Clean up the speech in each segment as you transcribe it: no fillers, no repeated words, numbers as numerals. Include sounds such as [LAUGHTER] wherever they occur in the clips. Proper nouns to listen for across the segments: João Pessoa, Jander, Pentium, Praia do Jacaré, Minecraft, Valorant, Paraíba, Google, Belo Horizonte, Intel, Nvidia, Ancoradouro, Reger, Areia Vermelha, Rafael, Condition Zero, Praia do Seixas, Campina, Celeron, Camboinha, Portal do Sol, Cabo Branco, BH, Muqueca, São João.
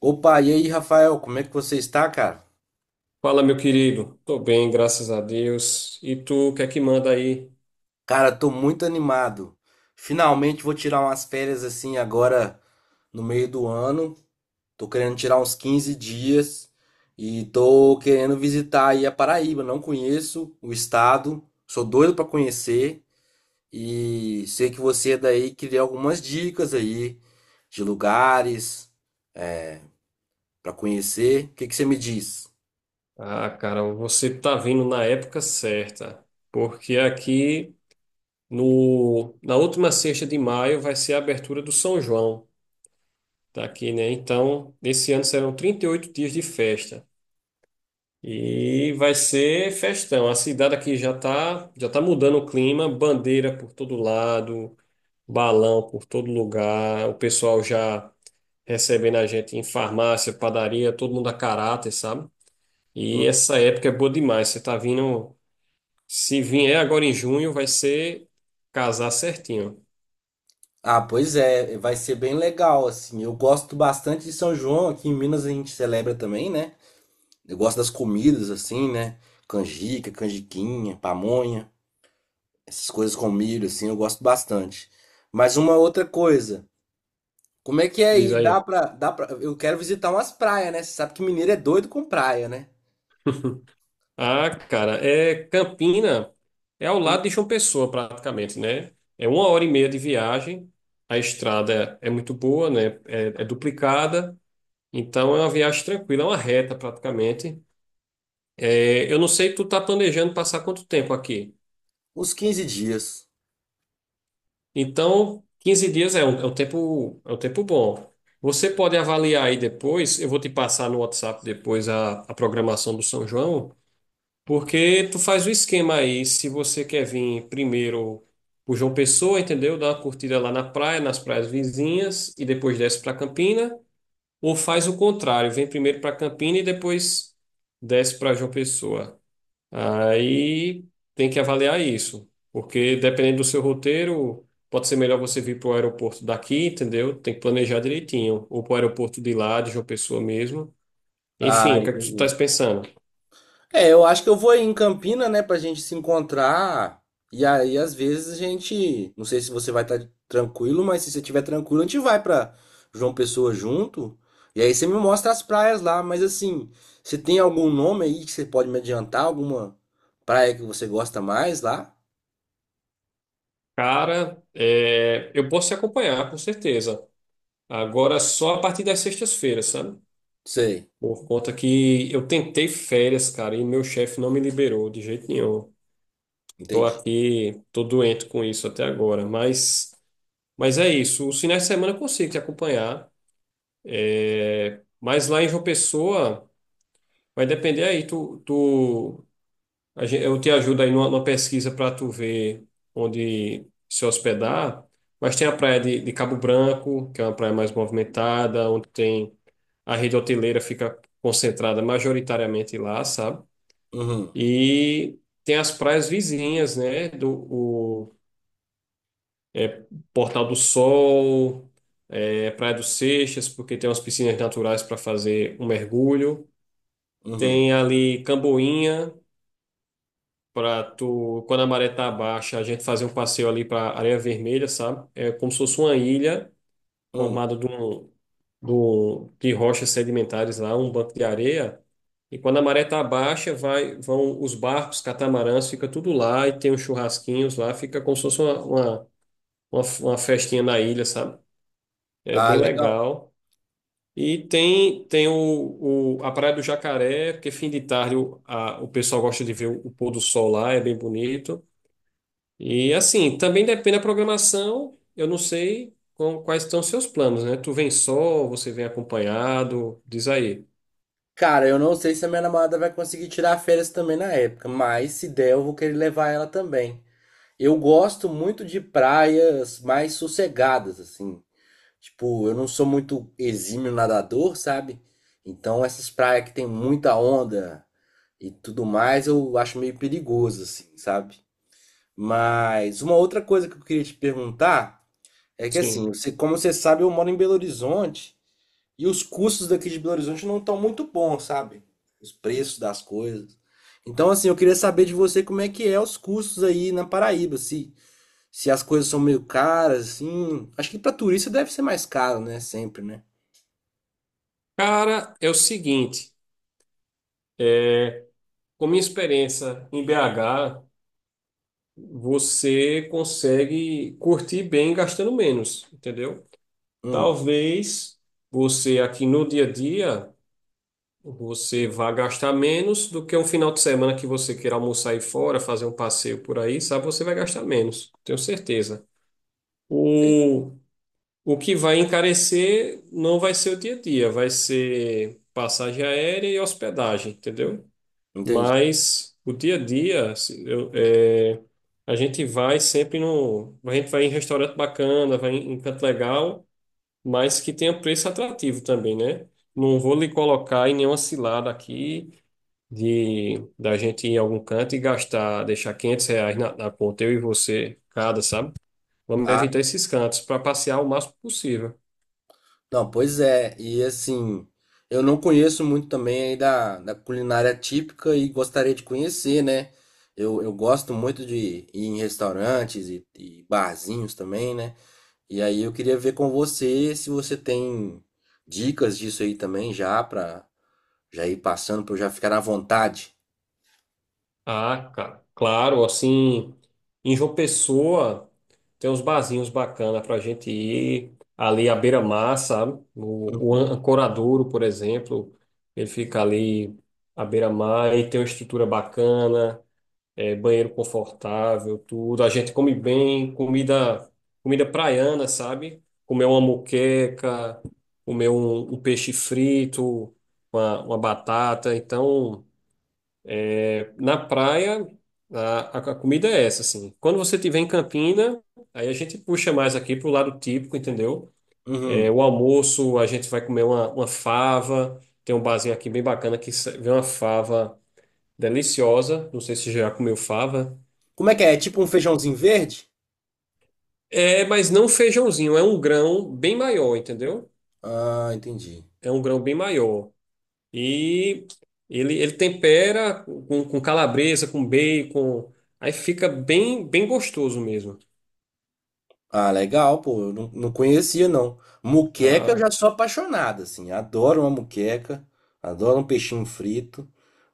Opa, e aí, Rafael, como é que você está, cara? Fala, meu querido. Tô bem, graças a Deus. E tu, o que é que manda aí? Cara, tô muito animado. Finalmente vou tirar umas férias assim agora no meio do ano. Tô querendo tirar uns 15 dias e tô querendo visitar aí a Paraíba. Não conheço o estado, sou doido pra conhecer e sei que você é daí queria algumas dicas aí de lugares pra conhecer. O que que você me diz? Um... Ah, cara, você tá vindo na época certa, porque aqui no, na última sexta de maio vai ser a abertura do São João daqui, né? Então, nesse ano serão 38 dias de festa. E vai ser festão. A cidade aqui já tá mudando o clima, bandeira por todo lado, balão por todo lugar, o pessoal já recebendo a gente em farmácia, padaria, todo mundo a caráter, sabe? E essa época é boa demais. Você tá vindo. Se vier agora em junho, vai ser casar certinho. Ah, pois é, vai ser bem legal, assim. Eu gosto bastante de São João, aqui em Minas a gente celebra também, né? Eu gosto das comidas, assim, né? Canjica, canjiquinha, pamonha, essas coisas com milho, assim, eu gosto bastante. Mas uma outra coisa, como é que é Diz aí? Dá aí. pra, dá pra... Eu quero visitar umas praias, né? Você sabe que mineiro é doido com praia, né? Ah, cara, é Campina, é ao lado de João Pessoa, praticamente, né? É uma hora e meia de viagem. A estrada é muito boa, né? É duplicada. Então é uma viagem tranquila, é uma reta praticamente. Eu não sei, tu tá planejando passar quanto tempo aqui? Uns 15 dias. Então, 15 dias é um tempo bom. Você pode avaliar aí depois, eu vou te passar no WhatsApp depois a programação do São João, porque tu faz o esquema aí, se você quer vir primeiro por João Pessoa, entendeu? Dá uma curtida lá na praia, nas praias vizinhas, e depois desce para Campina, ou faz o contrário, vem primeiro para Campina e depois desce para João Pessoa. Aí tem que avaliar isso, porque dependendo do seu roteiro, pode ser melhor você vir para o aeroporto daqui, entendeu? Tem que planejar direitinho, ou para o aeroporto de lá, de João Pessoa mesmo. Ah, Enfim, o que é que tu entendi. estás pensando? É, eu acho que eu vou em Campina, né, pra gente se encontrar. E aí, às vezes, a gente... Não sei se você vai estar tranquilo, mas se você estiver tranquilo, a gente vai pra João Pessoa junto. E aí você me mostra as praias lá. Mas assim, você tem algum nome aí que você pode me adiantar? Alguma praia que você gosta mais lá? Cara, eu posso te acompanhar, com certeza. Agora só a partir das sextas-feiras, sabe? Sei, Por conta que eu tentei férias, cara, e meu chefe não me liberou de jeito nenhum. Tô entendi. aqui, tô doente com isso até agora. Mas é isso. Os finais de semana eu consigo te acompanhar. Mas lá em João Pessoa, vai depender aí. Eu te ajudo aí numa pesquisa para tu ver onde se hospedar. Mas tem a praia de Cabo Branco, que é uma praia mais movimentada, onde tem a rede hoteleira fica concentrada majoritariamente lá, sabe? Uhum, E tem as praias vizinhas, né? Do, é, Portal do Sol, Praia do Seixas, porque tem umas piscinas naturais para fazer um mergulho. uhum, Tem ali Camboinha, para tu, quando a maré tá baixa, a gente fazer um passeio ali para Areia Vermelha, sabe? É como se fosse uma ilha uhum. formada de rochas sedimentares lá, um banco de areia. E quando a maré tá baixa, vão os barcos, catamarãs, fica tudo lá e tem uns churrasquinhos lá, fica como se fosse uma festinha na ilha, sabe? É Ah, bem legal. legal. E tem a Praia do Jacaré, porque fim de tarde o pessoal gosta de ver o pôr do sol lá, é bem bonito. E assim, também depende da programação, eu não sei quais estão os seus planos, né? Tu vem só, você vem acompanhado, diz aí. Cara, eu não sei se a minha namorada vai conseguir tirar férias também na época, mas se der, eu vou querer levar ela também. Eu gosto muito de praias mais sossegadas, assim. Tipo, eu não sou muito exímio nadador, sabe? Então, essas praias que tem muita onda e tudo mais, eu acho meio perigoso, assim, sabe? Mas uma outra coisa que eu queria te perguntar é que, assim, Sim. você, como você sabe, eu moro em Belo Horizonte e os custos daqui de Belo Horizonte não estão muito bons, sabe? Os preços das coisas. Então, assim, eu queria saber de você como é que é os custos aí na Paraíba, assim. Se as coisas são meio caras, assim. Acho que pra turista deve ser mais caro, né? Sempre, né? Cara, é o seguinte, é, com minha experiência em BH, você consegue curtir bem gastando menos, entendeu? Hum, Talvez você aqui no dia a dia você vá gastar menos do que um final de semana que você queira almoçar aí fora, fazer um passeio por aí, sabe? Você vai gastar menos, tenho certeza. entendi. O, o que vai encarecer não vai ser o dia a dia, vai ser passagem aérea e hospedagem, entendeu? Entendi. Mas o dia a dia, a gente vai em restaurante bacana, vai em canto legal mas que tenha preço atrativo também, né? Não vou lhe colocar em nenhuma cilada aqui de da gente ir em algum canto e gastar, deixar R$ 500 na conta, eu e você, cada, sabe? Vamos Ah, evitar esses cantos para passear o máximo possível. não, pois é. E assim, eu não conheço muito também aí da culinária típica e gostaria de conhecer, né? Eu gosto muito de ir em restaurantes e barzinhos também, né? E aí eu queria ver com você se você tem dicas disso aí também já pra já ir passando pra eu já ficar à vontade. Ah, cara, claro, assim, em João Pessoa tem uns barzinhos bacanas para a gente ir ali à beira-mar, sabe? O Ancoradouro, por exemplo, ele fica ali à beira-mar e tem uma estrutura bacana. Banheiro confortável, tudo. A gente come bem, comida praiana, sabe? Comer uma moqueca, comer um peixe frito, uma batata. Então, na praia, a comida é essa, assim. Quando você estiver em Campina, aí a gente puxa mais aqui pro lado típico, entendeu? Uhum. O almoço, a gente vai comer uma fava. Tem um barzinho aqui bem bacana que vem uma fava deliciosa. Não sei se já comeu fava. Como é que é? É tipo um feijãozinho verde? É, mas não feijãozinho, é um grão bem maior, entendeu? Ah, entendi. É um grão bem maior. E ele tempera com calabresa, com bacon, aí fica bem, bem gostoso mesmo. Ah, legal, pô. Eu não conhecia, não. Muqueca eu Ah, já sou apaixonado, assim. Adoro uma muqueca. Adoro um peixinho frito.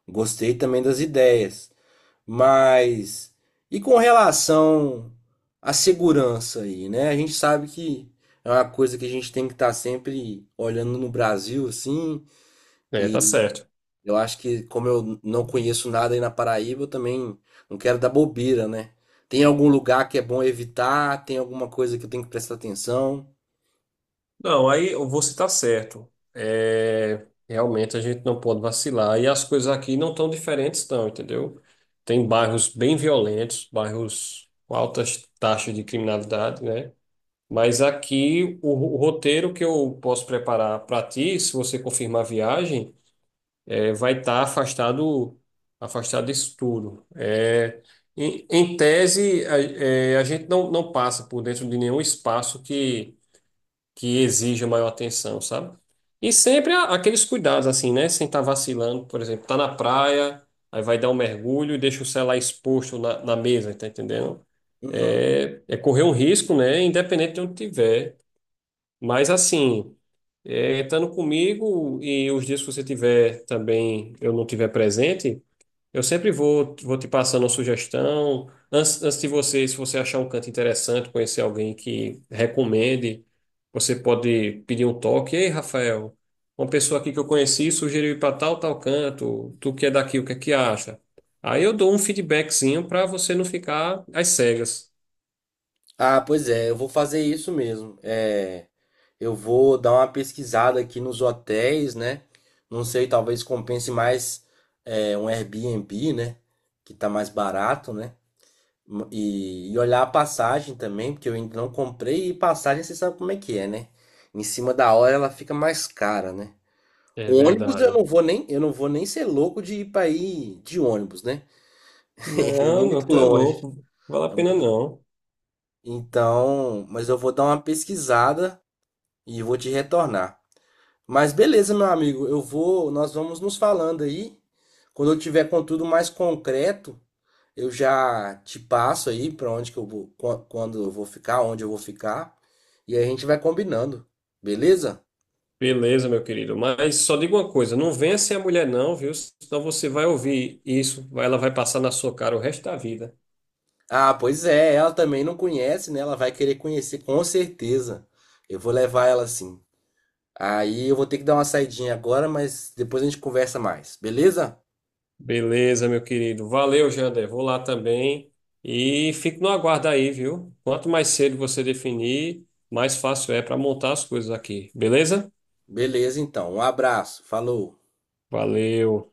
Gostei também das ideias. Mas e com relação à segurança aí, né? A gente sabe que é uma coisa que a gente tem que estar sempre olhando no Brasil, assim. é, tá certo. Eu acho que, como eu não conheço nada aí na Paraíba, eu também não quero dar bobeira, né? Tem algum lugar que é bom evitar? Tem alguma coisa que eu tenho que prestar atenção? Não, aí você tá certo. É, realmente a gente não pode vacilar. E as coisas aqui não tão diferentes, não, entendeu? Tem bairros bem violentos, bairros com altas taxas de criminalidade, né? Mas aqui o roteiro que eu posso preparar para ti, se você confirmar a viagem, vai estar afastado disso tudo. Em tese, a gente não passa por dentro de nenhum espaço que exija maior atenção, sabe? E sempre aqueles cuidados, assim, né? Sem estar vacilando, por exemplo, tá na praia, aí vai dar um mergulho e deixa o celular exposto na mesa, tá entendendo? Uhum. É correr um risco, né? Independente de onde tiver. Mas assim, estando comigo e os dias que você tiver também, eu não tiver presente, eu sempre vou te passando uma sugestão. Antes de você, se você achar um canto interessante, conhecer alguém que recomende, você pode pedir um toque. Ei, Rafael, uma pessoa aqui que eu conheci sugeriu ir para tal, tal canto. Tu que é daqui, o que é que acha? Aí eu dou um feedbackzinho para você não ficar às cegas. Ah, pois é, eu vou fazer isso mesmo. É, eu vou dar uma pesquisada aqui nos hotéis, né? Não sei, talvez compense mais um Airbnb, né? Que tá mais barato, né? E olhar a passagem também, porque eu ainda não comprei, e passagem você sabe como é que é, né? Em cima da hora ela fica mais cara, né? É O ônibus eu verdade. não vou nem, eu não vou nem ser louco de ir para aí de ônibus, né? [LAUGHS] É Não, não, muito tu é longe, louco. Vale é a pena muito. não. Então, mas eu vou dar uma pesquisada e vou te retornar. Mas beleza, meu amigo, nós vamos nos falando aí. Quando eu tiver com tudo mais concreto, eu já te passo aí para onde que eu vou, quando eu vou ficar, onde eu vou ficar, e aí a gente vai combinando, beleza? Beleza, meu querido. Mas só digo uma coisa, não venha ser a mulher não, viu? Senão você vai ouvir isso, ela vai passar na sua cara o resto da vida. Ah, pois é, ela também não conhece, né? Ela vai querer conhecer, com certeza. Eu vou levar ela sim. Aí eu vou ter que dar uma saidinha agora, mas depois a gente conversa mais, beleza? Beleza, meu querido. Valeu, Jander. Vou lá também e fico no aguardo aí, viu? Quanto mais cedo você definir, mais fácil é para montar as coisas aqui. Beleza? Beleza, então. Um abraço, falou. Valeu.